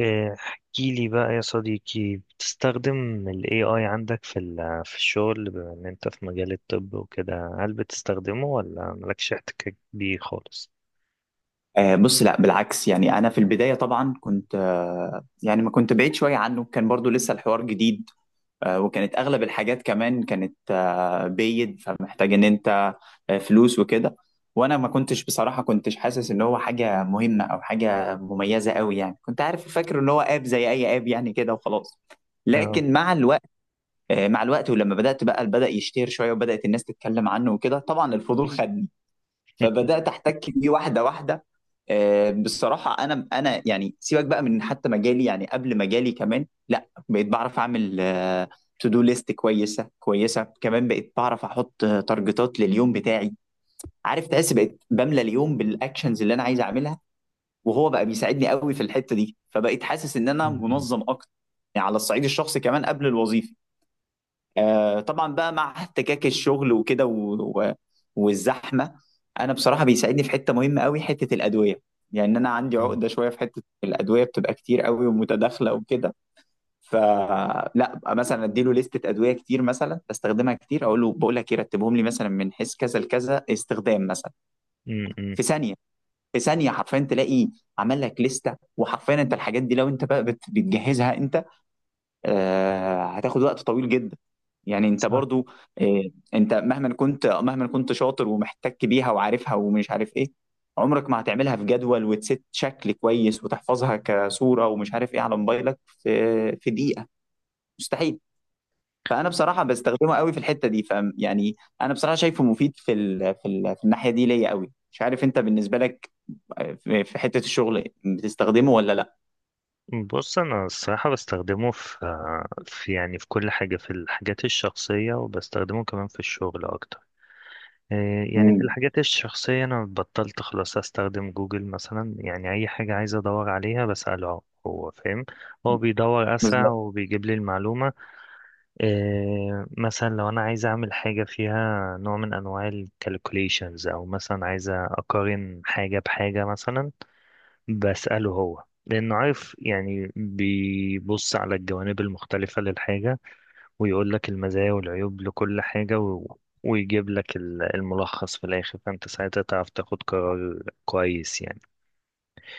احكي لي بقى يا صديقي، بتستخدم ال AI عندك في الشغل، بما ان انت في مجال الطب وكده؟ هل بتستخدمه ولا مالكش احتكاك بيه خالص؟ آه، بص، لا بالعكس. يعني انا في البدايه طبعا كنت يعني ما كنت بعيد شويه عنه، كان برضو لسه الحوار جديد. وكانت اغلب الحاجات كمان كانت بيد، فمحتاج ان انت فلوس وكده. وانا ما كنتش بصراحه كنتش حاسس ان هو حاجه مهمه او حاجه مميزه قوي، يعني كنت عارف فاكر ان هو اب زي اي اب يعني كده وخلاص. اه. لكن مع الوقت، ولما بدات بقى بدأ يشتهر شويه وبدات الناس تتكلم عنه وكده، طبعا الفضول خدني. فبدات احتك بيه واحده واحده. بصراحه، انا يعني سيبك بقى من حتى مجالي، يعني قبل مجالي كمان، لا بقيت بعرف اعمل تو دو ليست كويسه كويسه. كمان بقيت بعرف احط تارجتات لليوم بتاعي. عارف، تحس بقيت بملى اليوم بالاكشنز اللي انا عايز اعملها، وهو بقى بيساعدني قوي في الحته دي، فبقيت حاسس ان م- انا م- منظم اكتر. يعني على الصعيد الشخصي كمان قبل الوظيفه. طبعا بقى مع احتكاك الشغل وكده، و... والزحمه. انا بصراحه بيساعدني في حته مهمه قوي، حته الادويه. يعني انا عندي م- عقده شويه في حته الادويه، بتبقى كتير قوي ومتداخله وكده. فلا أبقى مثلا اديله لستة ادويه كتير مثلا بستخدمها كتير، اقول له، بقول لك ايه، رتبهم لي مثلا من حيث كذا لكذا استخدام مثلا. م- م. في ثانيه في ثانيه حرفيا تلاقي عمل لك لستة. وحرفيا انت الحاجات دي لو انت بقى بتجهزها انت هتاخد وقت طويل جدا. يعني انت صح. برضو، إيه، انت مهما كنت شاطر ومحتك بيها وعارفها ومش عارف ايه، عمرك ما هتعملها في جدول وتست شكل كويس وتحفظها كصورة ومش عارف ايه على موبايلك في في دقيقة. مستحيل. فانا بصراحة بستخدمه قوي في الحتة دي، فم، يعني، انا بصراحة شايفه مفيد في الناحية دي ليا قوي. مش عارف انت بالنسبة لك، في حتة الشغل بتستخدمه ولا لا؟ بص، انا الصراحة بستخدمه في يعني في كل حاجة، في الحاجات الشخصية، وبستخدمه كمان في الشغل اكتر. إيه، يعني في مم. الحاجات الشخصية أنا بطلت خلاص أستخدم جوجل مثلا، يعني أي حاجة عايز أدور عليها بسأله هو، فاهم؟ هو بيدور أسرع بالظبط. وبيجيب لي المعلومة. إيه، مثلا لو أنا عايز أعمل حاجة فيها نوع من أنواع ال calculations، أو مثلا عايز أقارن حاجة بحاجة مثلا، بسأله هو لأنه عارف، يعني بيبص على الجوانب المختلفة للحاجة ويقول لك المزايا والعيوب لكل حاجة ويجيب لك الملخص في الآخر، فأنت ساعتها تعرف تاخد قرار كويس يعني.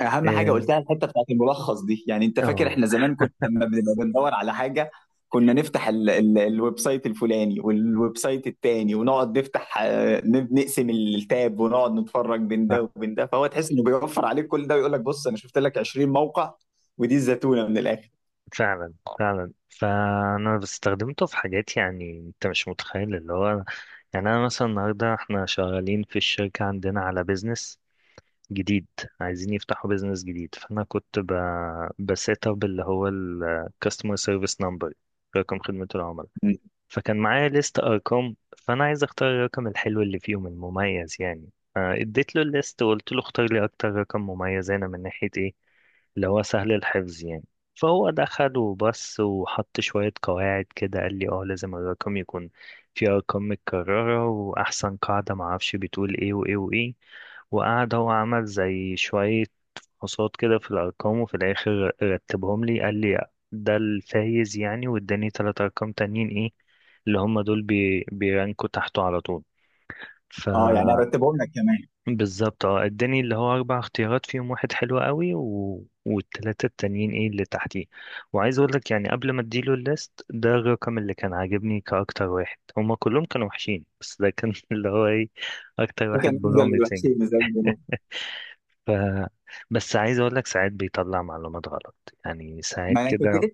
اهم حاجه قلتها الحته بتاعت الملخص دي. يعني انت اه. فاكر احنا زمان كنا لما بنبقى بندور على حاجه، كنا نفتح ال الويب سايت الفلاني والويب سايت التاني ونقعد نفتح نقسم التاب ونقعد نتفرج بين ف- ده وبين ده. فهو تحس انه بيوفر عليك كل ده ويقول لك بص انا شفت لك 20 موقع ودي الزتونه من الاخر. فعلا فعلا، فأنا استخدمته في حاجات يعني أنت مش متخيل اللي هو. يعني أنا مثلا النهاردة احنا شغالين في الشركة عندنا على بيزنس جديد، عايزين يفتحوا بيزنس جديد، بسيت أب اللي هو الكاستمر سيرفيس نمبر، رقم خدمة العملاء. م. فكان معايا ليست ارقام، فانا عايز اختار الرقم الحلو اللي فيهم المميز يعني، فاديت له الليست وقلت له اختار لي اكتر رقم مميز هنا من ناحيه ايه، اللي هو سهل الحفظ يعني. فهو دخل وبص وحط شوية قواعد كده، قال لي اه، لازم الرقم يكون فيه أرقام متكررة، وأحسن قاعدة معرفش بتقول ايه وايه وايه، وقعد هو عمل زي شوية فحوصات كده في الأرقام، وفي الآخر رتبهم لي، قال لي ده الفايز يعني، واداني تلات أرقام تانيين ايه اللي هم دول بيرانكوا تحته على طول، اه يعني فبالظبط. ارتبهم لك كمان. اه، اداني اللي هو اربع اختيارات، فيهم واحد حلو قوي والتلاتة التانيين ايه اللي تحتيه. وعايز اقول لك يعني قبل ما اديله الليست، ده الرقم اللي كان عاجبني كاكتر واحد، هما كلهم كانوا وحشين بس ده كان اللي هو ايه، اكتر ده واحد كان افضل بروميسنج. شيء. ف بس عايز اقول لك ساعات بيطلع معلومات غلط، يعني ساعات ما انا كنت كده.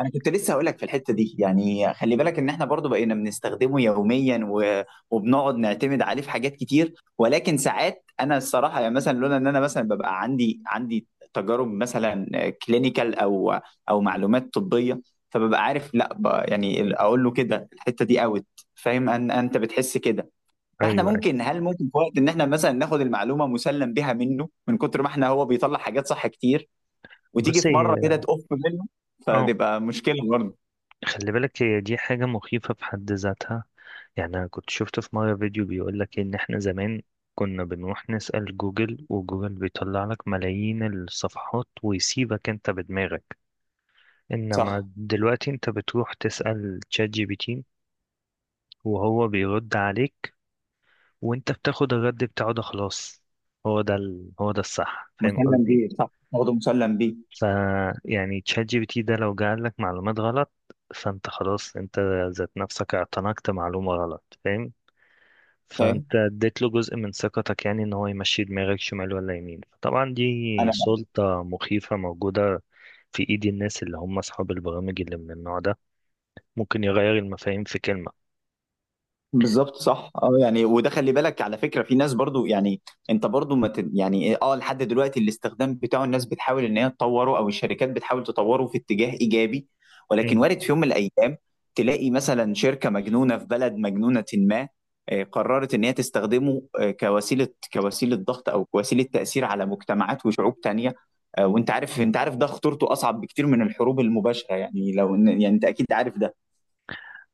انا كنت لسه هقول لك في الحته دي. يعني خلي بالك ان احنا برضو بقينا بنستخدمه يوميا وبنقعد نعتمد عليه في حاجات كتير. ولكن ساعات انا الصراحه يعني مثلا لولا ان انا مثلا ببقى عندي تجارب مثلا كلينيكال او معلومات طبيه، فببقى عارف لا يعني اقول له كده الحته دي اوت. فاهم ان انت بتحس كده. ايوه، فاحنا أيوة. ممكن، هل ممكن في وقت ان احنا مثلا ناخد المعلومه مسلم بها منه من كتر ما احنا هو بيطلع حاجات صح كتير، وتيجي بص، في هي مره كده تقف منه، اه فتبقى مشكله برضه. خلي بالك، هي دي حاجة مخيفة في حد ذاتها. يعني أنا كنت شفت في مرة فيديو بيقول لك إن إحنا زمان كنا بنروح نسأل جوجل، وجوجل بيطلع لك ملايين الصفحات ويسيبك أنت بدماغك، إنما صح، دلوقتي أنت بتروح تسأل تشات جي بي تي وهو بيرد عليك، وأنت بتاخد الرد بتاعه ده خلاص، هو ده الصح، فاهم مسلم قصدي؟ بيه. صح برضه مسلم بيه. ف يعني تشات جي بي تي ده لو جعل لك معلومات غلط، فأنت خلاص أنت ذات نفسك اعتنقت معلومة غلط، فاهم؟ فاهم. فانت اديت له جزء من ثقتك يعني، ان هو يمشي دماغك شمال ولا يمين. طبعا دي انا سلطة مخيفة موجودة في ايد الناس اللي هم اصحاب البرامج اللي من النوع ده، ممكن يغير المفاهيم في كلمة. بالظبط. صح. اه، يعني، وده خلي بالك على فكره في ناس برضو، يعني انت برضو ما ت... يعني، إيه، اه، لحد دلوقتي الاستخدام بتاعه الناس بتحاول ان هي تطوره، او الشركات بتحاول تطوره في اتجاه ايجابي. ولكن مم. وارد في يوم من الايام تلاقي مثلا شركه مجنونه في بلد مجنونه ما قررت ان هي تستخدمه كوسيله ضغط او كوسيله تاثير على مجتمعات وشعوب تانيه. وانت عارف ده خطورته اصعب بكتير من الحروب المباشره. يعني لو يعني انت اكيد عارف ده.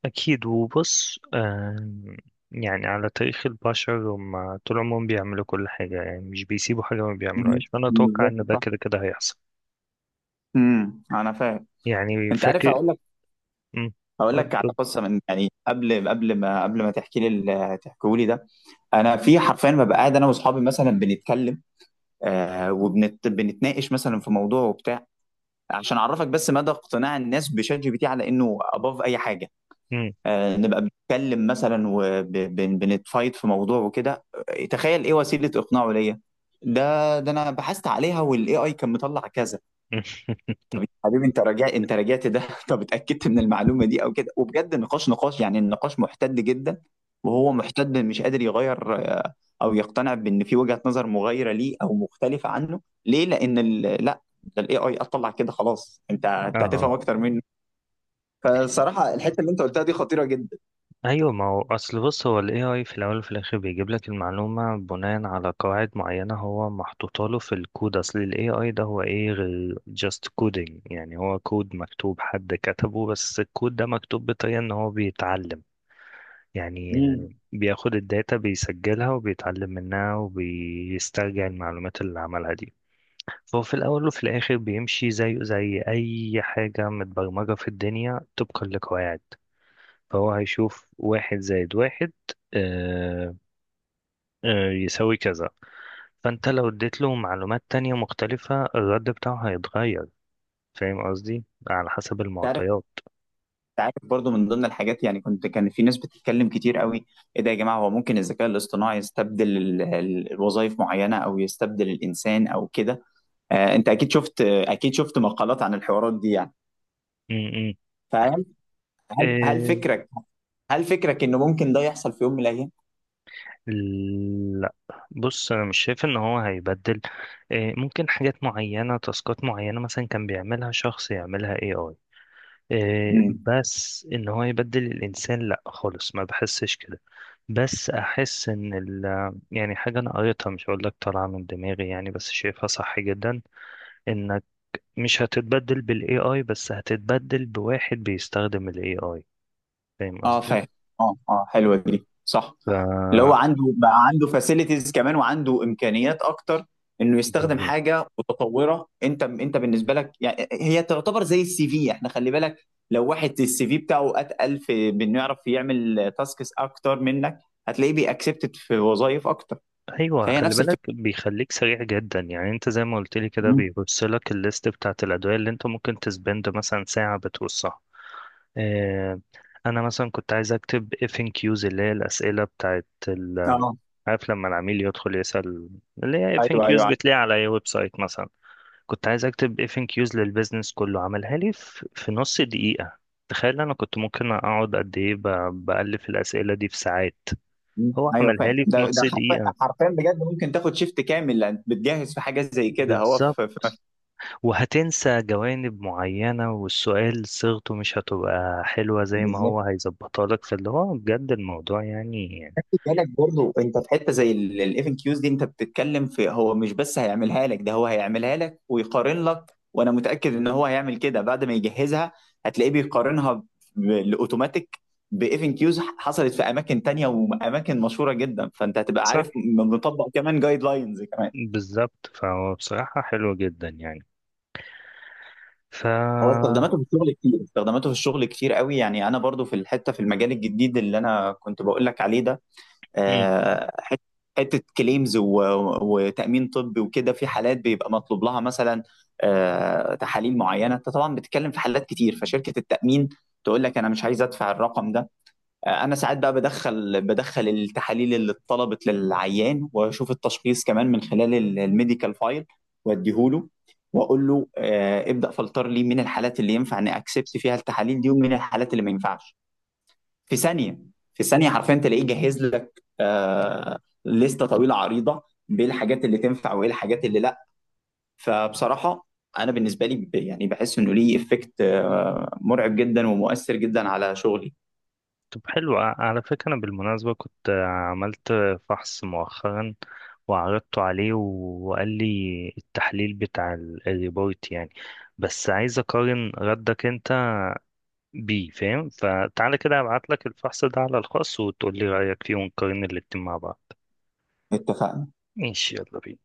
اكيد. وبص، يعني على تاريخ البشر هم طول عمرهم بيعملوا كل حاجة، يعني مش بيسيبوا حاجة ما مم. بيعملوهاش، فانا اتوقع بالظبط، ان ده صح. كده كده هيحصل. انا فاهم. يعني انت عارف، فاكر. هقول لك مم. هقول قول لك على قول. قصه، من، يعني، قبل ما تحكي لي، تحكوا لي ده. انا في حرفيا ما بقى، قاعد انا واصحابي مثلا بنتكلم آه وبنت بنتناقش مثلا في موضوع وبتاع. عشان اعرفك بس مدى اقتناع الناس بشات جي بي تي على انه اباف اي حاجه. مم. آه، نبقى بنتكلم مثلا وبنتفايت في موضوع وكده، تخيل ايه وسيله اقناعه ليا. ده ده انا بحثت عليها، والاي اي كان مطلع كذا. طب يا حبيبي، انت راجع، انت راجعت ده؟ طب اتاكدت من المعلومه دي او كده؟ وبجد النقاش نقاش، يعني النقاش محتد جدا. وهو محتد مش قادر يغير او يقتنع بان في وجهه نظر مغايره ليه او مختلفه عنه ليه، لان لا ده الاي اي اطلع كده، خلاص انت، انت اه، هتفهم اكتر منه. فصراحه الحته اللي انت قلتها دي خطيره جدا. ايوه. ما هو اصل، بص، هو الاي اي في الاول وفي الاخر بيجيب لك المعلومه بناء على قواعد معينه هو محطوطه له في الكود. اصل الاي اي ده هو ايه غير جاست كودينج، يعني هو كود مكتوب حد كتبه، بس الكود ده مكتوب بطريقه ان هو بيتعلم يعني، مم. بياخد الداتا بيسجلها وبيتعلم منها، وبيسترجع المعلومات اللي عملها دي. فهو في الاول وفي الاخر بيمشي زيه زي اي حاجه متبرمجه في الدنيا طبقا لقواعد، فهو هيشوف واحد زائد واحد آه، يساوي كذا، فانت لو اديت له معلومات تانية مختلفة الرد بتاعه هيتغير، فاهم قصدي؟ على حسب تعرف المعطيات. تعرف برضو من ضمن الحاجات، يعني كان في ناس بتتكلم كتير قوي: ايه ده يا جماعه، هو ممكن الذكاء الاصطناعي يستبدل الوظائف معينه او يستبدل الانسان او كده. انت اكيد شفت مقالات عن الحوارات دي. يعني م- م. فهل هل هل إيه، فكرك هل فكرك انه ممكن ده يحصل في يوم من الايام؟ لا. بص انا مش شايف ان هو هيبدل. إيه، ممكن حاجات معينة، تاسكات معينة مثلا كان بيعملها شخص يعملها اي اي. إيه، امم بس ان هو يبدل الانسان لا خالص، ما بحسش كده. بس احس ان يعني حاجه انا قريتها مش هقول لك طالعه من دماغي يعني، بس شايفها صح جدا، انك مش هتتبدل بالاي اي، بس هتتبدل بواحد بيستخدم الاي اي، فاهم اه، قصدي؟ فاهم. اه اه، حلوه دي، صح. اللي هو ف عنده بقى، عنده فاسيلتيز كمان وعنده امكانيات اكتر انه يستخدم بالظبط. حاجه متطوره. انت بالنسبه لك يعني، هي تعتبر زي السي في. احنا خلي بالك لو واحد السي في بتاعه اتقل في بانه يعرف يعمل تاسكس اكتر منك، هتلاقيه بيأكسبتد في وظائف اكتر. ايوه، فهي خلي نفس بالك الفكره. بيخليك سريع جدا، يعني انت زي ما قلت لي كده مم. بيبص لك الليست بتاعت الادويه اللي انت ممكن تسبند مثلا ساعه بتوصها. آه، انا مثلا كنت عايز اكتب اف ان كيوز اللي هي الاسئله بتاعت، اه. عارف لما العميل يدخل يسأل، اللي هي اف ان ايوه، كيوز ايوه. بتلاقي على اي ويب سايت مثلا. كنت عايز اكتب اف ان كيوز للبيزنس كله، عملها لي في نص دقيقة. تخيل، انا كنت ممكن اقعد قد ايه بألف الأسئلة دي في ساعات. مم. هو ايوه عملها فاهم. لي في ده نص حرفيا دقيقة، حرفيا بجد، ممكن تاخد شيفت كامل لان بتجهز في حاجات زي كده. هو بالظبط. في وهتنسى جوانب معينة، والسؤال صيغته مش هتبقى حلوة زي ما بالظبط. هو هيظبطها لك، فاللي هو بجد الموضوع يعني. خلي بالك برضو، انت في حته زي الاف ان كيوز دي، انت بتتكلم في هو مش بس هيعملها لك، ده هو هيعملها لك ويقارن لك. وانا متاكد ان هو هيعمل كده بعد ما يجهزها، هتلاقيه بيقارنها بالاوتوماتيك باف ان كيوز حصلت في اماكن تانية واماكن مشهوره جدا، فانت هتبقى صح، عارف مطبق كمان جايد لاينز كمان. بالظبط، فهو بصراحة حلو جدا يعني. ف هو استخداماته في الشغل كتير، استخداماته في الشغل كتير قوي. يعني انا برضو في الحته في المجال الجديد اللي انا كنت بقول لك عليه ده، آه، حت- حته كليمز وتامين طبي وكده. في حالات بيبقى مطلوب لها مثلا تحاليل معينه، انت طبعا بتتكلم في حالات كتير، فشركه التامين تقول لك انا مش عايز ادفع الرقم ده. انا ساعات بقى بدخل، التحاليل اللي اتطلبت للعيان واشوف التشخيص كمان من خلال الميديكال فايل واديهوله واقول له ابدا فلتر لي من الحالات اللي ينفع ان اكسبت فيها التحاليل دي ومن الحالات اللي ما ينفعش. في ثانيه في ثانيه حرفيا تلاقيه جهز لك لسته طويله عريضه بالحاجات اللي تنفع وايه الحاجات اللي لا. فبصراحه انا بالنسبه لي يعني بحس انه ليه افكت مرعب جدا ومؤثر جدا على شغلي. طب، حلو، على فكرة أنا بالمناسبة كنت عملت فحص مؤخرا وعرضته عليه وقال لي التحليل بتاع الريبورت يعني، بس عايز أقارن ردك أنت بيه، فاهم؟ فتعالى كده أبعت لك الفحص ده على الخاص وتقول لي رأيك فيه ونقارن الاتنين مع بعض. اتفقنا. ماشي، يلا بينا.